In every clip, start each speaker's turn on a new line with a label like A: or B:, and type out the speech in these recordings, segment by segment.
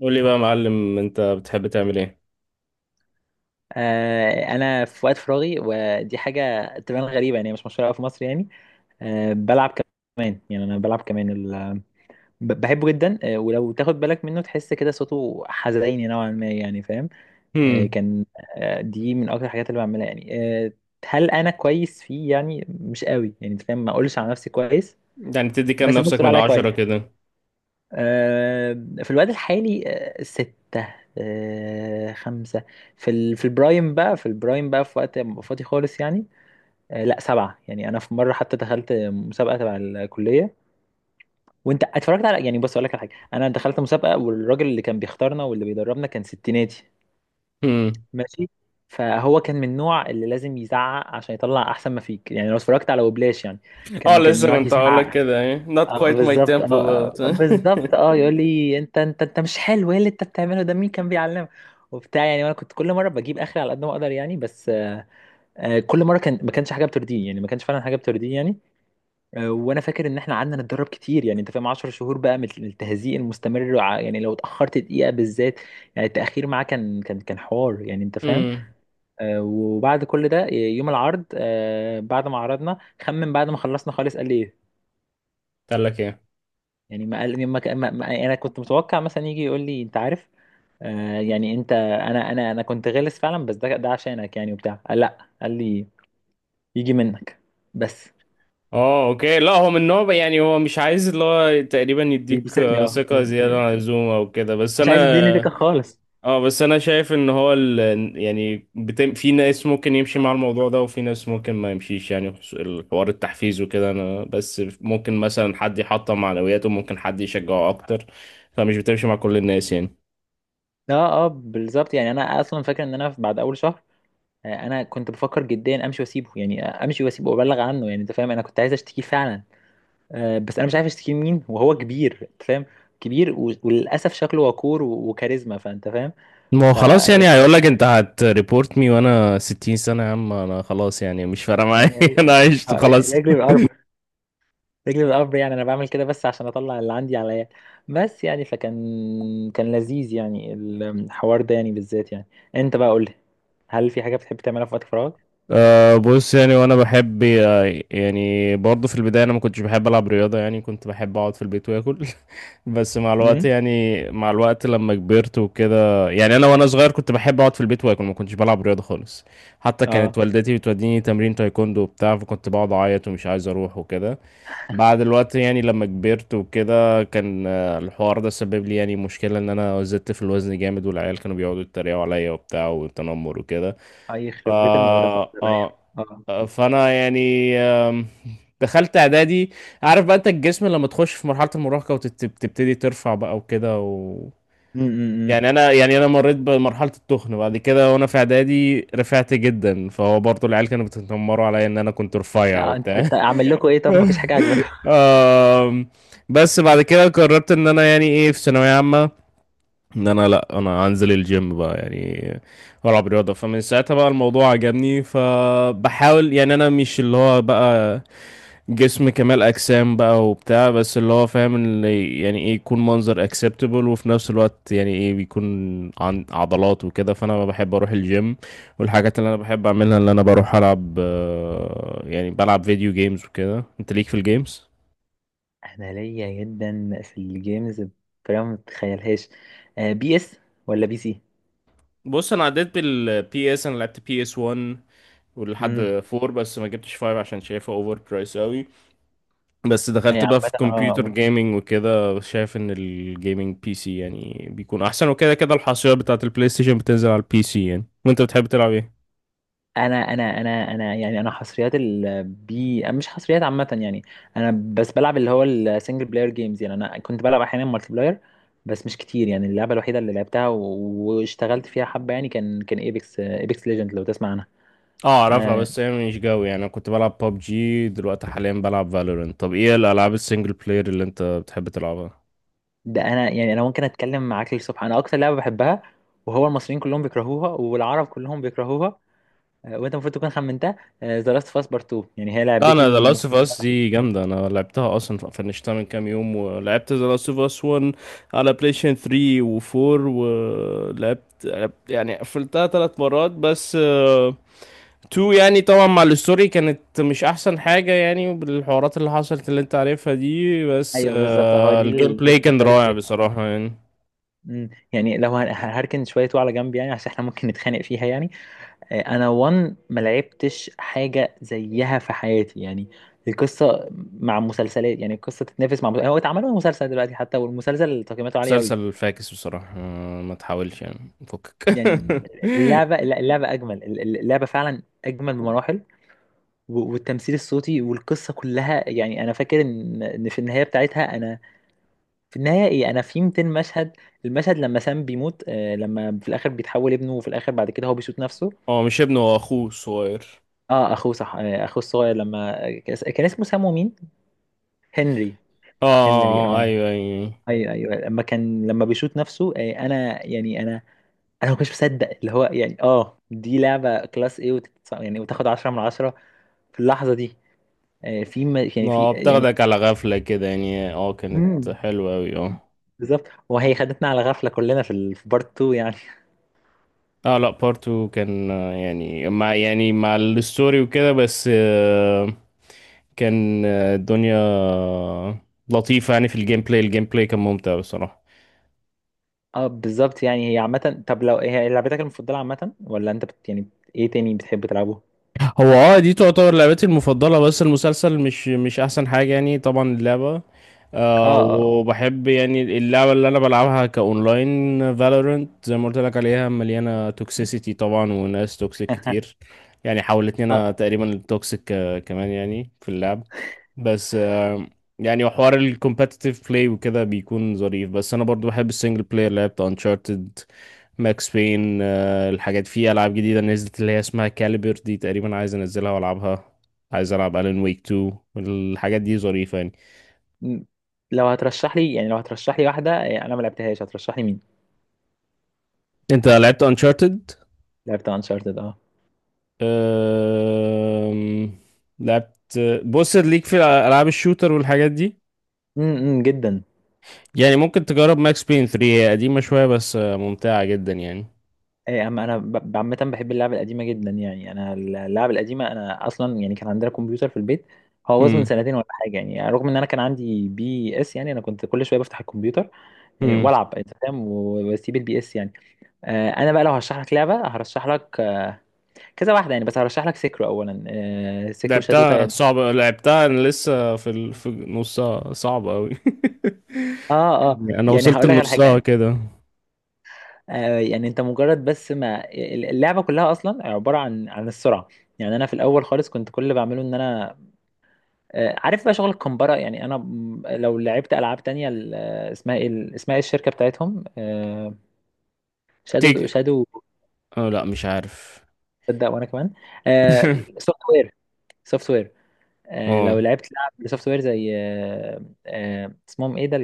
A: قول لي بقى يا معلم، انت بتحب تعمل ايه؟
B: انا في وقت فراغي ودي حاجه تبان غريبه، يعني مش مشهوره أوي في مصر يعني. بلعب كمان، يعني انا بلعب كمان بحبه جدا. ولو تاخد بالك منه تحس كده صوته حزيني نوعا ما، يعني فاهم. آه،
A: هم.
B: كان آه، دي من اكتر الحاجات اللي بعملها يعني. آه، هل انا كويس فيه؟ يعني مش قوي، يعني أنت فاهم، ما اقولش على نفسي كويس،
A: يعني تدي كام
B: بس الناس
A: نفسك
B: تقول
A: من
B: عليا كويس.
A: عشرة كده؟
B: آه، في الوقت الحالي ستة، خمسة. في في البرايم بقى، في البرايم بقى في وقت ما أبقى فاضي خالص يعني. لا سبعة. يعني أنا في مرة حتى دخلت مسابقة تبع الكلية، وأنت اتفرجت على، يعني بص أقول لك على حاجة: أنا دخلت مسابقة، والراجل اللي كان بيختارنا واللي بيدربنا كان ستيناتي.
A: هم.
B: ماشي، فهو كان من النوع اللي لازم يزعق عشان يطلع أحسن ما فيك يعني، لو اتفرجت على وبلاش يعني،
A: اه
B: كان
A: لسه
B: يقعد
A: كنت هقول لك
B: يزعق.
A: كده ايه not quite my
B: بالظبط
A: tempo
B: اه.
A: but
B: يقول لي، انت مش حلو، ايه اللي انت بتعمله ده، مين كان بيعلمك وبتاع، يعني انا كنت كل مره بجيب اخري على قد ما اقدر يعني، بس كل مره كان ما كانش حاجه بترضيه يعني، ما كانش فعلا حاجه بترضيه يعني. وانا فاكر ان احنا قعدنا نتدرب كتير يعني، انت فاهم، 10 شهور بقى من التهزيق المستمر. يعني لو اتاخرت دقيقه بالذات، يعني التاخير معاه كان حوار يعني، انت فاهم.
A: هم.
B: وبعد كل ده يوم العرض، بعد ما عرضنا، خمن بعد ما خلصنا خالص قال لي ايه.
A: قال لك ايه؟
B: يعني ما قال، ما يعني انا كنت متوقع مثلا يجي يقول لي انت عارف يعني انت، انا كنت غلس فعلا، بس ده عشانك يعني وبتاع. قال لا، قال لي يجي منك بس.
A: اه اوكي. لا هو من نوع يعني هو مش عايز اللي هو تقريبا يديك
B: يبسطني اه،
A: ثقة زيادة عن اللزوم او كده، بس
B: مش
A: انا.
B: عايز يديني فكره خالص.
A: اه بس انا شايف ان هو يعني في ناس ممكن يمشي مع الموضوع ده وفي ناس ممكن ما يمشيش يعني الحوار التحفيز وكده، انا بس ممكن مثلا حد يحطم معنوياته، ممكن حد يشجعه اكتر. فمش بتمشي مع كل الناس يعني.
B: اه اه بالظبط، يعني انا اصلا فاكر ان انا بعد اول شهر انا كنت بفكر جديا امشي واسيبه يعني، امشي واسيبه وابلغ عنه، يعني انت فاهم، انا كنت عايز اشتكيه فعلا. بس انا مش عارف اشتكيه لمين، وهو كبير، انت فاهم، كبير، وللاسف شكله وقور وكاريزما، فانت فاهم.
A: ما هو خلاص يعني
B: فيعني،
A: هيقول لك انت هتريبورت مي وانا 60 سنة يا عم، انا خلاص يعني مش فارقة معايا
B: يعني ر-
A: انا عشت خلاص.
B: رجلي بالقرب، رجلي بالقرب، يعني انا بعمل كده بس عشان اطلع اللي عندي عليا بس. يعني فكان لذيذ يعني الحوار ده يعني بالذات يعني. انت بقى قول لي، هل في حاجه بتحب تعملها في وقت فراغك؟
A: أه بص يعني وانا بحب يعني برضه في البداية انا ما كنتش بحب العب رياضة يعني، كنت بحب اقعد في البيت واكل بس مع الوقت
B: امم.
A: يعني مع الوقت لما كبرت وكده، يعني انا وانا صغير كنت بحب اقعد في البيت واكل، ما كنتش بلعب رياضه خالص. حتى كانت
B: اه.
A: والدتي بتوديني تمرين تايكوندو وبتاع، فكنت بقعد اعيط ومش عايز اروح وكده. بعد الوقت يعني لما كبرت وكده كان الحوار ده سبب لي يعني مشكله ان انا زدت في الوزن جامد، والعيال كانوا بيقعدوا يتريقوا عليا وبتاع وتنمر وكده.
B: اي يخرب بيت المدرسه.
A: آه آه
B: اه.
A: فأنا يعني دخلت إعدادي. عارف بقى أنت الجسم لما تخش في مرحلة المراهقة وتبتدي ترفع بقى وكده
B: امم.
A: يعني أنا يعني أنا مريت بمرحلة التخن بعد كده، وأنا في إعدادي رفعت جدا فهو برضه العيال كانوا بيتنمروا عليا إن أنا كنت رفيع
B: يعني انت
A: وبتاع
B: انت اعمل لكم ايه؟ طب ما فيش حاجه عاجباكم؟
A: آم، بس بعد كده قررت ان انا يعني ايه في ثانوية عامة، ان انا لا انا انزل الجيم بقى يعني والعب رياضه. فمن ساعتها بقى الموضوع عجبني، فبحاول يعني انا مش اللي هو بقى جسم كمال اجسام بقى وبتاع، بس اللي هو فاهم اللي يعني ايه يكون منظر اكسبتبل، وفي نفس الوقت يعني ايه بيكون عن عضلات وكده. فانا بحب اروح الجيم، والحاجات اللي انا بحب اعملها اللي انا بروح العب يعني بلعب فيديو جيمز وكده. انت ليك في الجيمز؟
B: انا ليا جدا في الجيمز، بطريقه ما تتخيلهاش. آه، بي اس ولا بي سي؟
A: بص انا عديت بالبي اس، انا لعبت بي اس 1
B: امم.
A: ولحد فور، بس ما جبتش فايف عشان شايفها اوفر برايس قوي. بس
B: اي
A: دخلت بقى
B: عامه
A: في
B: اه.
A: كمبيوتر
B: آه.
A: جيمنج وكده، شايف ان الجيمنج بي سي يعني بيكون احسن وكده. كده الحصريات بتاعت البلاي ستيشن بتنزل على البي سي يعني. وانت بتحب تلعب ايه؟
B: انا يعني انا حصريات البي، مش حصريات عامه يعني. انا بس بلعب اللي هو السنجل بلاير جيمز، يعني انا كنت بلعب احيانا مالتي بلاير بس مش كتير، يعني اللعبه الوحيده اللي لعبتها واشتغلت فيها حبه يعني، كان ايبكس، ايبكس ليجند، لو تسمع عنها.
A: اه اعرفها
B: آه،
A: بس هي مش جوي يعني. انا كنت بلعب ببجي، دلوقتي حاليا بلعب فالورنت. طب ايه الالعاب السنجل بلاير اللي انت بتحب تلعبها؟
B: ده انا يعني انا ممكن اتكلم معاك للصبح، انا اكتر لعبه بحبها، وهو المصريين كلهم بيكرهوها والعرب كلهم بيكرهوها. وانت المفروض تكون خمنتها: ذا لاست اوف اس بارت 2، يعني هي
A: لا
B: لعبتي
A: انا ذا لاست اوف اس
B: المفضله.
A: دي جامده، انا لعبتها اصلا فنشتها من كام يوم، ولعبت ذا لاست اوف اس 1 على بلاي ستيشن 3 و4، ولعبت يعني قفلتها ثلاث مرات بس 2 يعني طبعا مع الستوري كانت مش احسن حاجه يعني، بالحوارات اللي حصلت اللي انت عارفها دي، بس
B: ايوه بالظبط اهو، دي
A: الجيم
B: اللي الناس
A: بلاي كان
B: بتختلف
A: رائع
B: فيها اه.
A: بصراحه يعني.
B: أمم، يعني هركن شويه على جنب، يعني عشان احنا ممكن نتخانق فيها يعني. انا وان ما لعبتش حاجه زيها في حياتي يعني. القصه مع مسلسلات، يعني القصه تتنافس مع مسلسل، هو اتعمل له مسلسل دلوقتي حتى، والمسلسل تقييماته عاليه قوي
A: مسلسل فاكس بصراحه ما تحاولش يعني فكك
B: يعني. اللعبة، لا، اللعبة أجمل، اللعبة فعلا أجمل بمراحل. والتمثيل الصوتي والقصة كلها، يعني أنا فاكر إن في النهاية بتاعتها أنا، في النهاية إيه أنا، في 200 مشهد، المشهد لما سام بيموت، لما في الآخر بيتحول ابنه، وفي الآخر بعد كده هو بيشوط نفسه.
A: هو مش ابنه، هو اخوه الصغير.
B: أه أخوه، صح، أخوه الصغير، لما كان اسمه سام ومين؟ هنري.
A: اه
B: هنري
A: آه،
B: أه.
A: ايوه ايوه.
B: ايوه ايوه، لما كان لما بيشوط نفسه، انا يعني انا ما كنتش مصدق اللي هو يعني، اه دي لعبه كلاس ايه، يعني وتاخد 10 من 10 في اللحظه دي. يعني في
A: ما
B: يعني.
A: بتاخدك على غفلة كده يعني، اه كانت
B: مم.
A: حلوة اوي اه.
B: بالظبط. وهي خدتنا على غفله كلنا في بارت 2 يعني.
A: اه لا بارت 2 كان يعني مع الستوري وكده بس كان الدنيا لطيفة يعني. في الجيم بلاي، الجيم بلاي كان ممتع بصراحة.
B: اه بالظبط، يعني هي عامه، طب لو هي لعبتك المفضله عامه، ولا انت بت يعني ايه تاني بتحب تلعبه؟
A: هو اه دي تعتبر لعبتي المفضلة، بس المسلسل مش أحسن حاجة يعني، طبعا اللعبة.
B: اه
A: آه
B: اه.
A: وبحب يعني اللعبة اللي أنا بلعبها كأونلاين فالورنت زي ما قلت لك عليها مليانة توكسيسيتي طبعا وناس توكسيك كتير. يعني حولتني
B: اه
A: أنا تقريبا التوكسيك كمان يعني في اللعب. بس آه يعني وحوار الكومبتيتيف بلاي وكده بيكون ظريف، بس أنا برضو بحب السنجل بلاير. لعبت أنشارتد، ماكس بين، الحاجات. في العاب جديده نزلت اللي هي اسمها كاليبر، دي تقريبا عايز انزلها والعبها. عايز العب الين ويك 2، الحاجات دي ظريفه يعني.
B: م- لو هترشح لي، يعني لو هترشح لي واحده انا ما لعبتهاش، هترشح لي مين؟
A: انت لعبت انشارتد؟
B: لعبت انشارتد اه.
A: أم... لعبت. بص ليك في العاب الشوتر والحاجات دي،
B: جدا.
A: يعني ممكن تجرب ماكس بين 3، هي قديمه شويه بس ممتعه جدا يعني.
B: ايه يا عم، انا عامه بحب اللعبه القديمه جدا، يعني انا اللعبه القديمه، انا اصلا يعني كان عندنا كمبيوتر في البيت، هو باظ من
A: امم
B: سنتين ولا حاجه يعني، رغم ان انا كان عندي بي اس، يعني انا كنت كل شويه بفتح الكمبيوتر، إيه،
A: امم.
B: والعب انت فاهم، واسيب البي اس يعني. انا بقى لو هرشح لك لعبه، هرشح لك كذا واحده يعني، بس هرشح لك سيكرو اولا، سيكرو شادو
A: لعبتها
B: تايد.
A: صعبه، لعبتها انا لسه في في نصها، صعبه قوي.
B: اه اه،
A: انا
B: يعني
A: وصلت
B: هقول لك على حاجه
A: لنصها
B: يعني،
A: كده.
B: يعني انت مجرد بس ما، اللعبه كلها اصلا عباره عن السرعه، يعني انا في الاول خالص كنت كل اللي بعمله ان انا، عارف بقى شغل الكمبرة، يعني انا لو لعبت العاب تانية اسمها ايه، اسمها ايه الشركة بتاعتهم، آه، شادو
A: تيج.
B: شادو
A: اه لا مش عارف.
B: تصدق وانا كمان. سوفت وير سوفت وير. لو
A: اه.
B: لعبت لعب سوفت وير زي اسمهم ايه ده،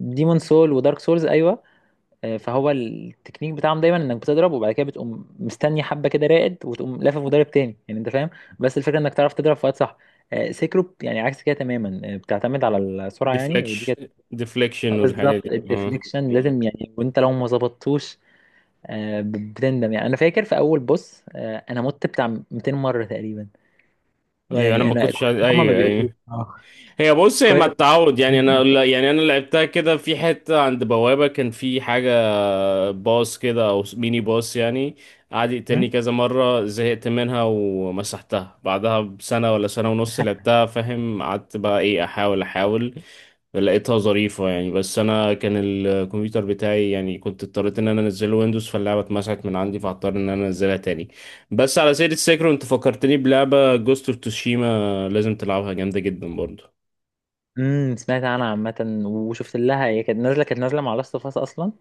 B: ديمون سول ودارك سولز ايوه. فهو التكنيك بتاعهم دايما انك بتضرب، وبعد كده بتقوم مستني حبه كده راقد، وتقوم لافف مضرب تاني، يعني انت فاهم، بس الفكره انك تعرف تضرب في وقت صح. سيكرو يعني عكس كده تماما، بتعتمد على السرعه، يعني ودي كانت،
A: ديفليكشن ديفليكشن والحاجات
B: بالظبط
A: دي اه.
B: الديفليكشن لازم يعني، وانت لو ما ظبطتوش بتندم يعني. انا فاكر في اول بص، انا مت بتاع 200 مره تقريبا،
A: ايوه انا
B: يعني
A: ما
B: انا
A: كنتش
B: كويس إن هما ما
A: ايوه
B: بيقولوا.
A: ايوه. هي بص هي
B: كويس.
A: ما التعود يعني،
B: امم.
A: انا يعني انا لعبتها كده في حته عند بوابه، كان في حاجه باص كده او ميني باص يعني، قعد يقتلني كذا مره، زهقت منها ومسحتها بعدها بسنه ولا سنه ونص. لعبتها فاهم، قعدت بقى ايه احاول احاول. لقيتها ظريفة يعني بس أنا كان الكمبيوتر بتاعي يعني كنت اضطريت إن أنا أنزله ويندوز، فاللعبة اتمسحت من عندي فاضطر إن أنا أنزلها تاني. بس على سيرة سيكرو، أنت فكرتني بلعبة جوست اوف توشيما، لازم تلعبها جامدة جدا برضو.
B: أمم، سمعت عنها عامه وشفت لها، هي كانت نازله، كانت نازله مع لاست اوف اس اصلا.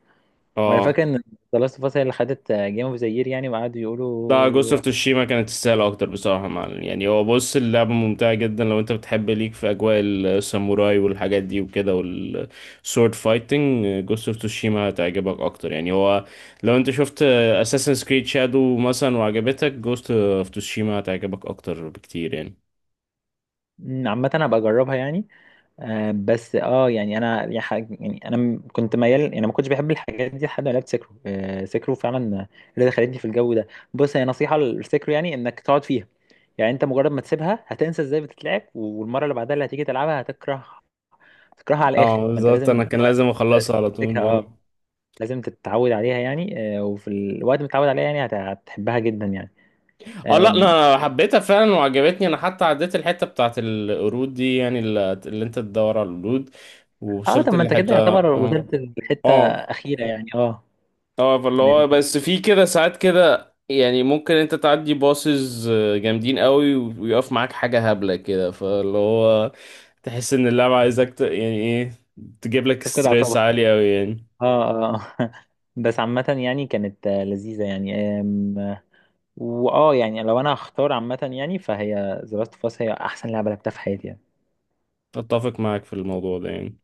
B: وانا
A: اه
B: فاكر ان لاست اوف اس هي اللي خدت جيم اوف ذا يير يعني، وقعدوا
A: لا جوست
B: يقولوا.
A: اوف توشيما كانت تستاهل اكتر بصراحه، مع يعني هو بص اللعبه ممتعه جدا. لو انت بتحب ليك في اجواء الساموراي والحاجات دي وكده والسورد فايتنج، جوست اوف توشيما هتعجبك اكتر يعني. هو لو انت شفت اساسن كريد شادو مثلا وعجبتك، جوست اوف توشيما هتعجبك اكتر بكتير يعني.
B: أمم، عامه هبقى اجربها يعني. آه بس اه، يعني انا يعني انا كنت ميال، يعني أنا ما كنتش بحب الحاجات دي لحد ما لعبت سكرو، آه سكرو فعلا اللي دخلتني في الجو ده. بص، هي نصيحه للسكرو، يعني انك تقعد فيها، يعني انت مجرد ما تسيبها هتنسى ازاي بتتلعب، والمره اللي بعدها اللي هتيجي تلعبها هتكره، تكرهها على
A: اه
B: الاخر، فانت
A: بالظبط،
B: لازم
A: انا كان لازم اخلصها على
B: تمسكها
A: طول اه.
B: اه، لازم تتعود عليها يعني، وفي الوقت ما تتعود عليها يعني هتحبها جدا يعني.
A: اه لا
B: آم،
A: لا، انا حبيتها فعلا وعجبتني، انا حتى عديت الحته بتاعت القرود دي يعني اللي انت تدور على القرود،
B: اه طب
A: ووصلت
B: ما انت كده
A: لحته
B: يعتبر
A: اه.
B: وصلت لحته
A: اه
B: اخيره يعني اه.
A: اه. فاللي
B: يعني
A: هو
B: انت
A: بس في كده ساعات كده يعني، ممكن انت تعدي باصز جامدين قوي ويقف معاك حاجة هبلة كده، فاللي هو تحس ان اللعبة عايزك يعني ايه تجيب لك
B: بتفقد
A: ستريس
B: اعصابك.
A: عالي قوي يعني.
B: اه اه. بس عامة يعني كانت لذيذة يعني. آم، واه يعني لو انا هختار عامة، يعني فهي The Last of Us هي احسن لعبة لعبتها في حياتي يعني.
A: اتفق معاك في الموضوع ده يعني